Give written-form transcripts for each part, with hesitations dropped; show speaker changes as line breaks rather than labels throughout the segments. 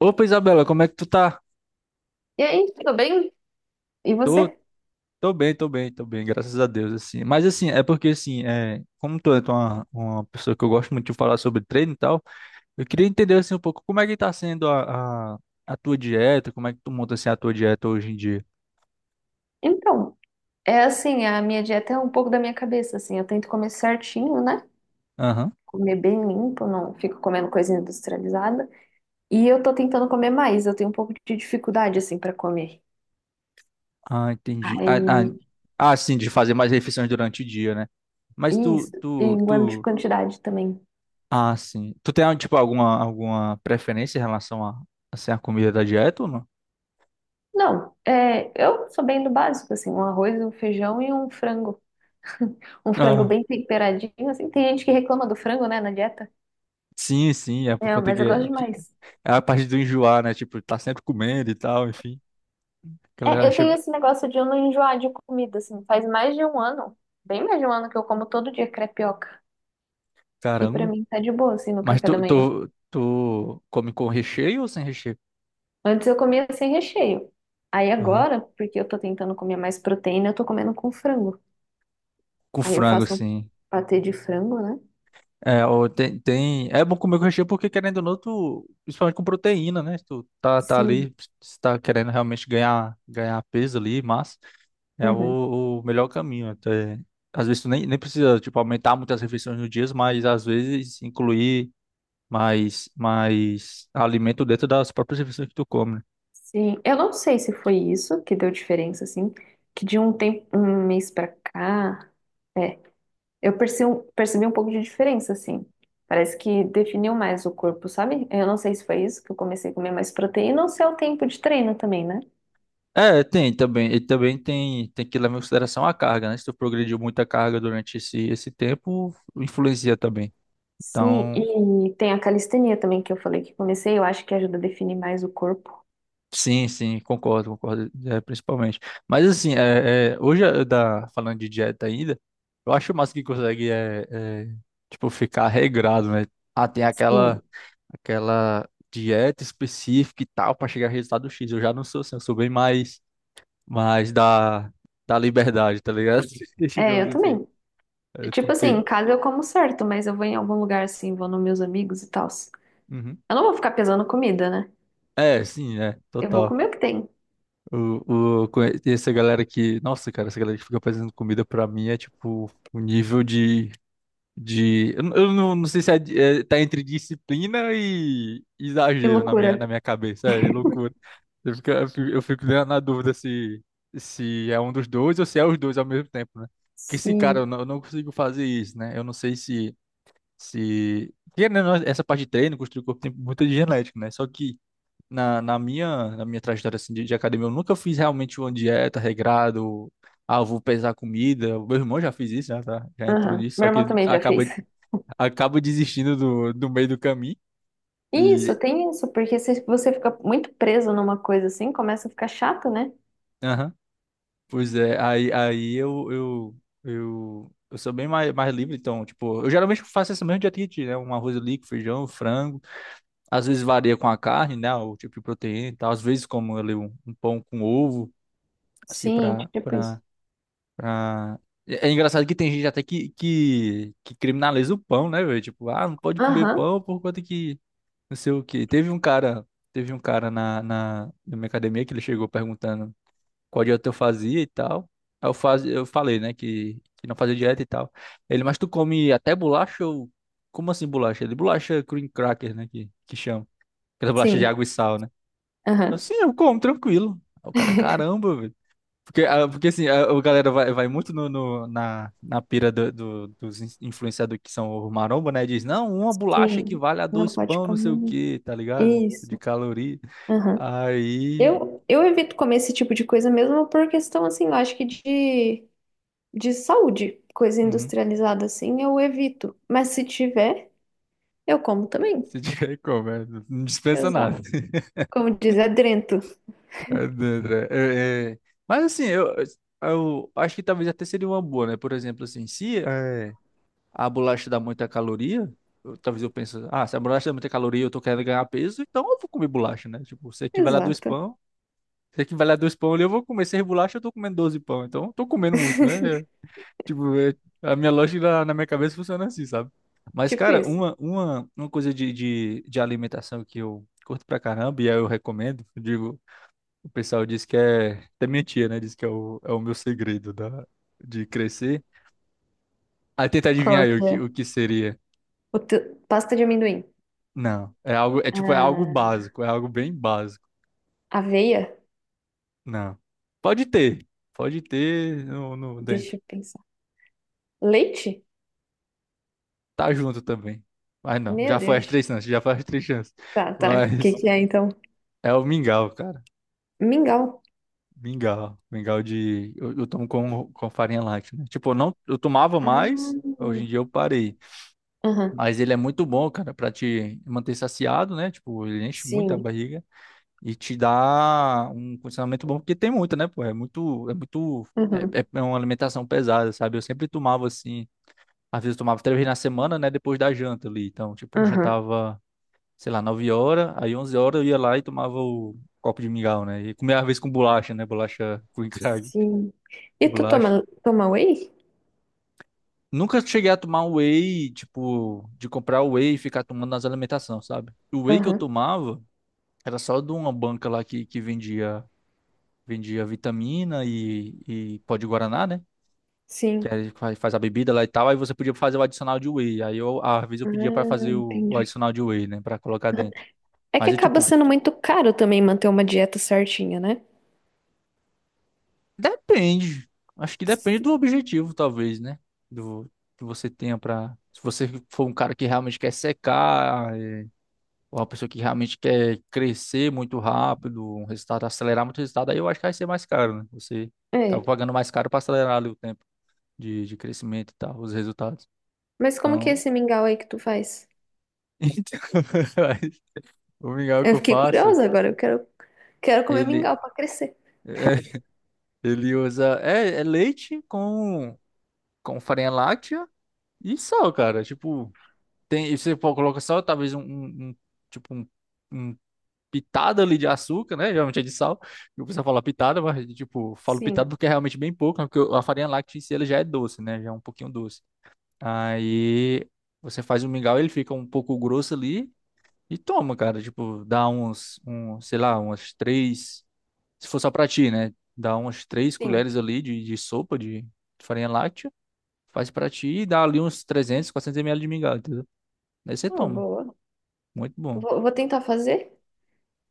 Opa, Isabela, como é que tu tá?
E aí, tudo bem? E
Tô,
você?
Tô bem, tô bem, tô bem, graças a Deus, assim. Mas, assim, é porque, assim, como tu é uma pessoa que eu gosto muito de falar sobre treino e tal, eu queria entender, assim, um pouco como é que tá sendo a tua dieta, como é que tu monta, assim, a tua dieta hoje em dia.
Então, é assim, a minha dieta é um pouco da minha cabeça, assim, eu tento comer certinho, né?
Aham.
Comer bem limpo, não fico comendo coisa industrializada. E eu tô tentando comer mais, eu tenho um pouco de dificuldade, assim, pra comer.
Ah, entendi. Ah, ah,
Aí,
ah, sim, de fazer mais refeições durante o dia, né? Mas tu,
isso, e
tu,
em quanto de
tu...
quantidade também.
Ah, sim. Tu tem, tipo, alguma preferência em relação a, assim, a comida da dieta ou não?
Não, é, eu sou bem do básico, assim, um arroz, um feijão e um frango. Um frango
Ah,
bem temperadinho, assim, tem gente que reclama do frango, né, na dieta.
sim, sim, é por
É,
conta
mas eu gosto
que
demais.
É a parte do enjoar, né? Tipo, tá sempre comendo e tal, enfim. A galera
É, eu
acha,
tenho esse negócio de eu não enjoar de comida, assim, faz mais de um ano, bem mais de um ano que eu como todo dia crepioca. E pra
caramba.
mim tá de boa, assim, no
Mas
café da
tu,
manhã.
tu, tu come com recheio ou sem recheio?
Antes eu comia sem recheio. Aí
Aham.
agora, porque eu tô tentando comer mais proteína, eu tô comendo com frango.
Com
Aí eu
frango,
faço um
sim.
patê de frango, né?
É, ou tem... é bom comer com recheio porque, querendo ou não, tu... principalmente com proteína, né? Tu tá
Sim.
ali, se tá querendo realmente ganhar peso ali, massa. É
Uhum.
o melhor caminho. Até... Às vezes tu nem precisa, tipo, aumentar muitas refeições no dia, mas às vezes incluir mais alimento dentro das próprias refeições que tu come, né?
Sim. Eu não sei se foi isso que deu diferença, assim, que de um tempo, um mês pra cá. é, Eu percebi um pouco de diferença, assim. Parece que definiu mais o corpo, sabe? Eu não sei se foi isso que eu comecei a comer mais proteína ou se é o tempo de treino também, né?
É, tem também. E também tem que levar em consideração a carga, né? Se tu progrediu muita carga durante esse tempo, influencia também.
Sim,
Então,
e tem a calistenia também que eu falei que comecei, eu acho que ajuda a definir mais o corpo.
sim, sim, concordo, concordo, principalmente. Mas assim, hoje, falando de dieta ainda, eu acho massa que consegue, tipo, ficar regrado, né? Ah, tem aquela,
Sim.
aquela dieta específica e tal para chegar a resultado X. Eu já não sou assim, eu sou bem mais. Mas da liberdade, tá ligado?
É,
Digamos
eu
assim.
também.
É
Tipo assim,
porque.
em casa eu como certo, mas eu vou em algum lugar assim, vou nos meus amigos e tal.
Uhum.
Eu não vou ficar pesando comida, né?
É, sim,
Eu vou
total.
comer o que tem.
E essa galera que. Nossa, cara, essa galera que fica fazendo comida pra mim é tipo o nível de. De eu não sei se é, tá entre disciplina e
Que
exagero na
loucura.
minha, na minha cabeça. É loucura. Eu fico na dúvida se, se é um dos dois ou se é os dois ao mesmo tempo, né? Porque sim, cara,
Sim.
eu não consigo fazer isso, né? Eu não sei se. Se. Querendo, ou não, essa parte de treino, construir o corpo, tem muita de genética, né? Só que na minha trajetória assim, de academia, eu nunca fiz realmente uma dieta regrado. Ah, eu vou pesar comida. O meu irmão já fez isso, né? Tá? Já entrou
Aham.
nisso,
Meu
só que
irmão
ele
também já
acaba,
fez.
acaba desistindo do meio do caminho.
Isso,
E.
tem isso, porque se você fica muito preso numa coisa assim, começa a ficar chato, né?
Aham. Pois é, aí eu sou bem mais livre, então, tipo, eu geralmente faço essa mesma dieta que, tu, né? Um arroz líquido, feijão, frango. Às vezes varia com a carne, né? O tipo de proteína e tal. Às vezes como ali um, pão com ovo, assim,
Sim,
pra,
tipo isso.
pra, pra... É engraçado que tem gente até que criminaliza o pão, né, velho? Tipo, ah, não pode comer
Aham,
pão por conta que não sei o quê. Teve um cara na minha academia que ele chegou perguntando qual dieta eu fazia e tal. Aí eu, faz, eu falei, né, que não fazia dieta e tal. Ele, mas tu come até bolacha ou... Como assim bolacha? Ele, bolacha cream cracker, né, que chama. Aquela bolacha de
sim,
água e sal, né?
aham,
Sim, eu como, tranquilo. Aí o cara, caramba, velho. Porque assim, a galera vai muito na pira dos influenciadores que são o maromba, né? Diz, não, uma bolacha
sim.
equivale a
Não
dois
pode
pão, não sei o
comer.
quê, tá ligado? De
Isso,
caloria.
aham.
Aí.
Eu evito comer esse tipo de coisa mesmo por questão, assim, eu acho que de saúde, coisa
Uhum.
industrializada assim, eu evito. Mas se tiver, eu como também.
Se tiver como, não dispensa nada.
Exato. Como diz, adrento.
É, dentro, é. Mas assim, eu acho que talvez até seria uma boa, né? Por exemplo, assim, se. A bolacha dá muita caloria, talvez eu pense, ah, se a bolacha dá muita caloria, e eu tô querendo ganhar peso, então eu vou comer bolacha, né? Tipo, se equivale a dois
Exato.
pão, se equivale a dois pão ali, eu vou comer seis bolachas, eu tô comendo 12 pão, então eu tô comendo muito, né? É, tipo, a minha lógica na minha cabeça funciona assim, sabe? Mas,
Tipo
cara,
isso.
uma coisa de alimentação que eu curto pra caramba, e aí eu recomendo, eu digo, o pessoal diz que é, até minha tia, né, diz que é é o meu segredo da, de crescer. Aí tenta adivinhar
Qual
aí
que é?
o que seria.
Pasta de amendoim.
Não, é algo, é tipo, é algo
Ah,
básico, é algo bem básico.
Aveia?
Não. Pode ter, pode ter no, no
Deixa
dentro.
eu pensar. Leite?
Tá junto também. Mas não,
Meu
já foi as
Deus.
três chances, já foi as três chances.
Tá, tá. O que
Mas
que é então?
é o mingau, cara.
Mingau.
Mingau, mingau de eu tomo com farinha láctea, né? Tipo, eu não, eu tomava
Ah,
mais, hoje em dia eu parei.
aham.
Mas ele é muito bom, cara, pra te manter saciado, né? Tipo, ele enche muito a
Sim.
barriga. E te dá um condicionamento bom, porque tem muito, né, pô? É muito,
Aham.
uma alimentação pesada, sabe? Eu sempre tomava assim, às vezes eu tomava 3 vezes na semana, né, depois da janta ali. Então, tipo, eu
Aham.
jantava, sei lá, 9 horas, aí 11 horas eu ia lá e tomava o copo de mingau, né? E comia às vezes com bolacha, né? Bolacha com encalhe,
Sim. E tu
bolacha.
toma, toma whey?
Nunca cheguei a tomar um whey, tipo, de comprar whey e ficar tomando nas alimentações, sabe? O whey que eu
Aham.
tomava era só de uma banca lá que Vendia vitamina e pó de guaraná, né? Que
Sim.
aí faz a bebida lá e tal. Aí você podia fazer o adicional de whey. Aí eu, às vezes, eu
Ah,
pedia pra fazer o
entendi.
adicional de whey, né? Pra colocar dentro.
É que
Mas é
acaba
tipo,
sendo muito caro também manter uma dieta certinha, né?
depende. Acho que depende do objetivo, talvez, né? Do que você tenha pra. Se você for um cara que realmente quer secar, ou uma pessoa que realmente quer crescer muito rápido, um resultado, acelerar muito o resultado, aí eu acho que vai ser mais caro, né? Você
É.
acaba pagando mais caro pra acelerar ali o tempo de crescimento e tal, os resultados.
Mas como que é
Então,
esse mingau aí que tu faz?
então o mingau que
Eu
eu
fiquei
faço,
curiosa agora. Quero comer
ele
mingau pra crescer.
é, ele usa é leite com farinha láctea e sal, cara. Tipo, tem e você coloca sal, talvez tipo um pitada ali de açúcar, né? Geralmente é de sal. Eu pessoal fala pitada, mas tipo, falo pitada
Sim,
porque é realmente bem pouco, né? Porque a farinha láctea em si ela já é doce, né? Já é um pouquinho doce. Aí você faz o mingau, ele fica um pouco grosso ali. E toma, cara, tipo, dá uns, um, sei lá, umas três, se for só pra ti, né? Dá umas três
sim.
colheres ali de sopa de farinha láctea, faz pra ti e dá ali uns 300-400 ml de mingau, entendeu? Aí você
Oh,
toma.
boa.
Muito bom.
Vou tentar fazer.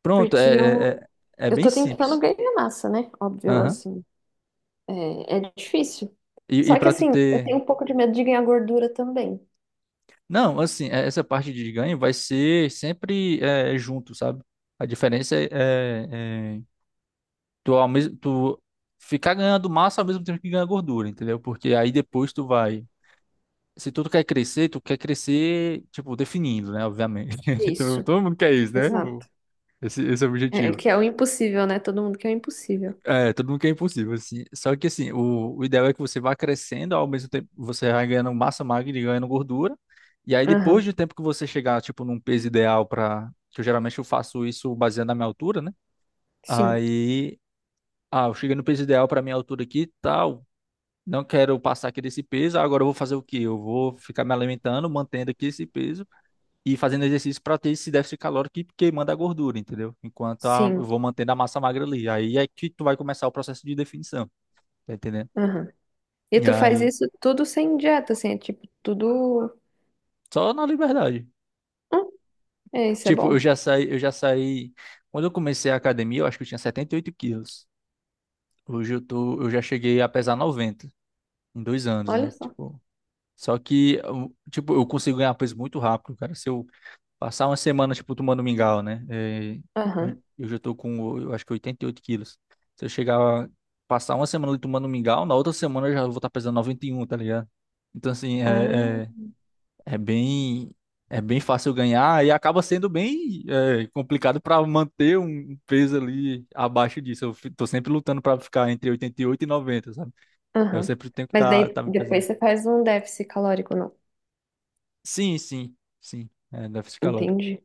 Pronto,
Porque eu,
é
eu
bem
tô tentando
simples.
ganhar massa, né? Óbvio,
Aham.
assim, é difícil. Só que,
Pra tu
assim, eu
ter...
tenho um pouco de medo de ganhar gordura também.
Não, assim, essa parte de ganho vai ser sempre junto, sabe? A diferença é tu, ao mesmo, tu ficar ganhando massa ao mesmo tempo que ganha gordura, entendeu? Porque aí depois tu vai se tu quer crescer, tu quer crescer, tipo, definindo, né? Obviamente. Então,
Isso,
todo mundo quer isso, né? O-
exato.
Esse é o
É, é
objetivo.
que é o impossível, né? Todo mundo quer o impossível.
É, todo mundo quer impossível, assim. Só que, assim, o ideal é que você vá crescendo, ao mesmo tempo você vai ganhando massa magra e ganhando gordura. E aí, depois
Aham,
do tempo que você chegar, tipo, num peso ideal para... Que eu, geralmente eu faço isso baseado na minha altura, né?
sim,
Aí, ah, eu cheguei no peso ideal para minha altura aqui e tal. Não quero passar aqui desse peso, agora eu vou fazer o quê? Eu vou ficar me alimentando, mantendo aqui esse peso e fazendo exercício para ter esse déficit calórico que queimando a gordura, entendeu? Enquanto eu
sim,
vou mantendo a massa magra ali. Aí é que tu vai começar o processo de definição, tá entendendo?
aham. E
E
tu faz
aí,
isso tudo sem dieta, assim, é tipo, tudo...
só na liberdade.
Hum, é, isso é
Tipo, eu
bom,
já saí, eu já saí. Quando eu comecei a academia, eu acho que eu tinha 78 quilos. Hoje eu tô, eu já cheguei a pesar 90 em 2 anos,
olha
né?
só.
Tipo, só que, tipo, eu consigo ganhar peso muito rápido, cara. Se eu passar uma semana, tipo, tomando mingau, né? É,
Aham,
eu já tô com, eu acho que 88 quilos. Se eu chegar, a passar uma semana ali tomando mingau, na outra semana eu já vou estar pesando 91, tá ligado? Então, assim,
ah,
é bem, é bem fácil ganhar e acaba sendo bem complicado para manter um peso ali abaixo disso. Tô sempre lutando para ficar entre 88 e 90, sabe? Eu
aham.
sempre tenho que
Mas
estar
daí,
tá me
depois
pesando.
você faz um déficit calórico, não?
Sim, sim, sim. É, déficit calórico.
Entendi.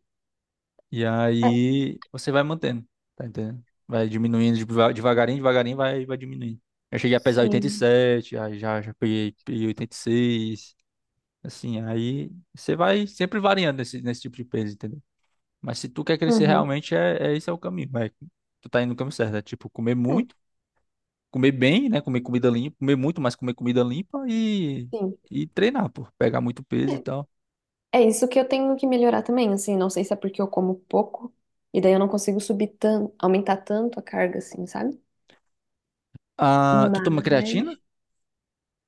E
É,
aí você vai mantendo, tá entendendo? Vai diminuindo devagarinho, devagarinho, vai, vai diminuindo. Eu cheguei a pesar oitenta e
sim.
sete aí já, já peguei, peguei 86 assim, aí você vai sempre variando nesse, nesse tipo de peso, entendeu? Mas se tu quer crescer
Uhum.
realmente, esse é o caminho, vai. Tu tá indo no caminho certo, é tipo comer muito,
É,
comer bem, né? Comer comida limpa, comer muito, mas comer comida limpa
sim.
e treinar, pô, pegar muito peso e tal.
É isso que eu tenho que melhorar também, assim, não sei se é porque eu como pouco e daí eu não consigo subir tanto, aumentar tanto a carga, assim, sabe?
Ah, tu toma creatina?
Mas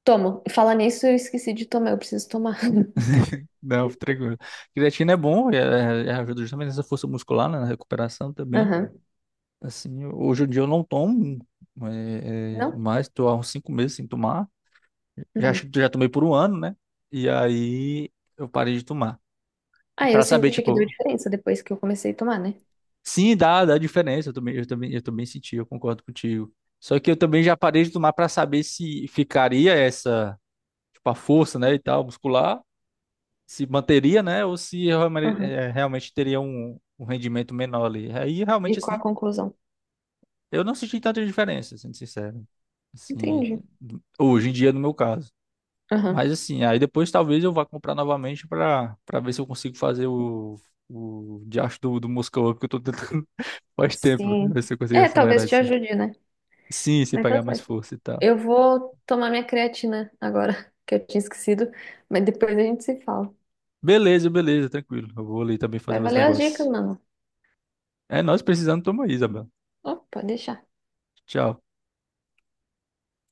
tomo. Falar nisso, eu esqueci de tomar, eu preciso tomar.
Não, fica tranquilo. Creatina é bom, ajuda justamente nessa força muscular, né, na recuperação também.
Aham.
Assim, hoje em dia eu não tomo
Não?
mais, estou há uns 5 meses sem tomar. Já,
Uhum.
acho que já tomei por um ano, né? E aí eu parei de tomar.
Ah, eu
Pra saber,
senti que deu
tipo,
diferença depois que eu comecei a tomar, né?
sim, dá, dá diferença. Eu também, eu também, eu também senti, eu concordo contigo. Só que eu também já parei de tomar pra saber se ficaria essa, tipo, a força, né, e tal, muscular, se manteria, né? Ou se
Aham.
realmente teria um, um rendimento menor ali. Aí
E
realmente
qual a
assim,
conclusão?
eu não senti tanta diferença, sendo sincero. Assim,
Entendi.
hoje em dia no meu caso.
Aham.
Mas assim, aí depois talvez eu vá comprar novamente para ver se eu consigo fazer o diacho do Moscow, porque eu tô tentando faz tempo,
Sim.
ver se eu consigo
É,
acelerar
talvez te
isso. Aí.
ajude, né?
Sim, se
Mas tá
pegar mais
certo.
força e tal.
Eu vou tomar minha creatina agora, que eu tinha esquecido, mas depois a gente se fala.
Beleza, beleza, tranquilo. Eu vou ali também fazer
Vai
uns
valer as dicas,
negócios.
mano.
É, nós precisando toma aí, Isabel.
Oh, pode deixar.
Tchau.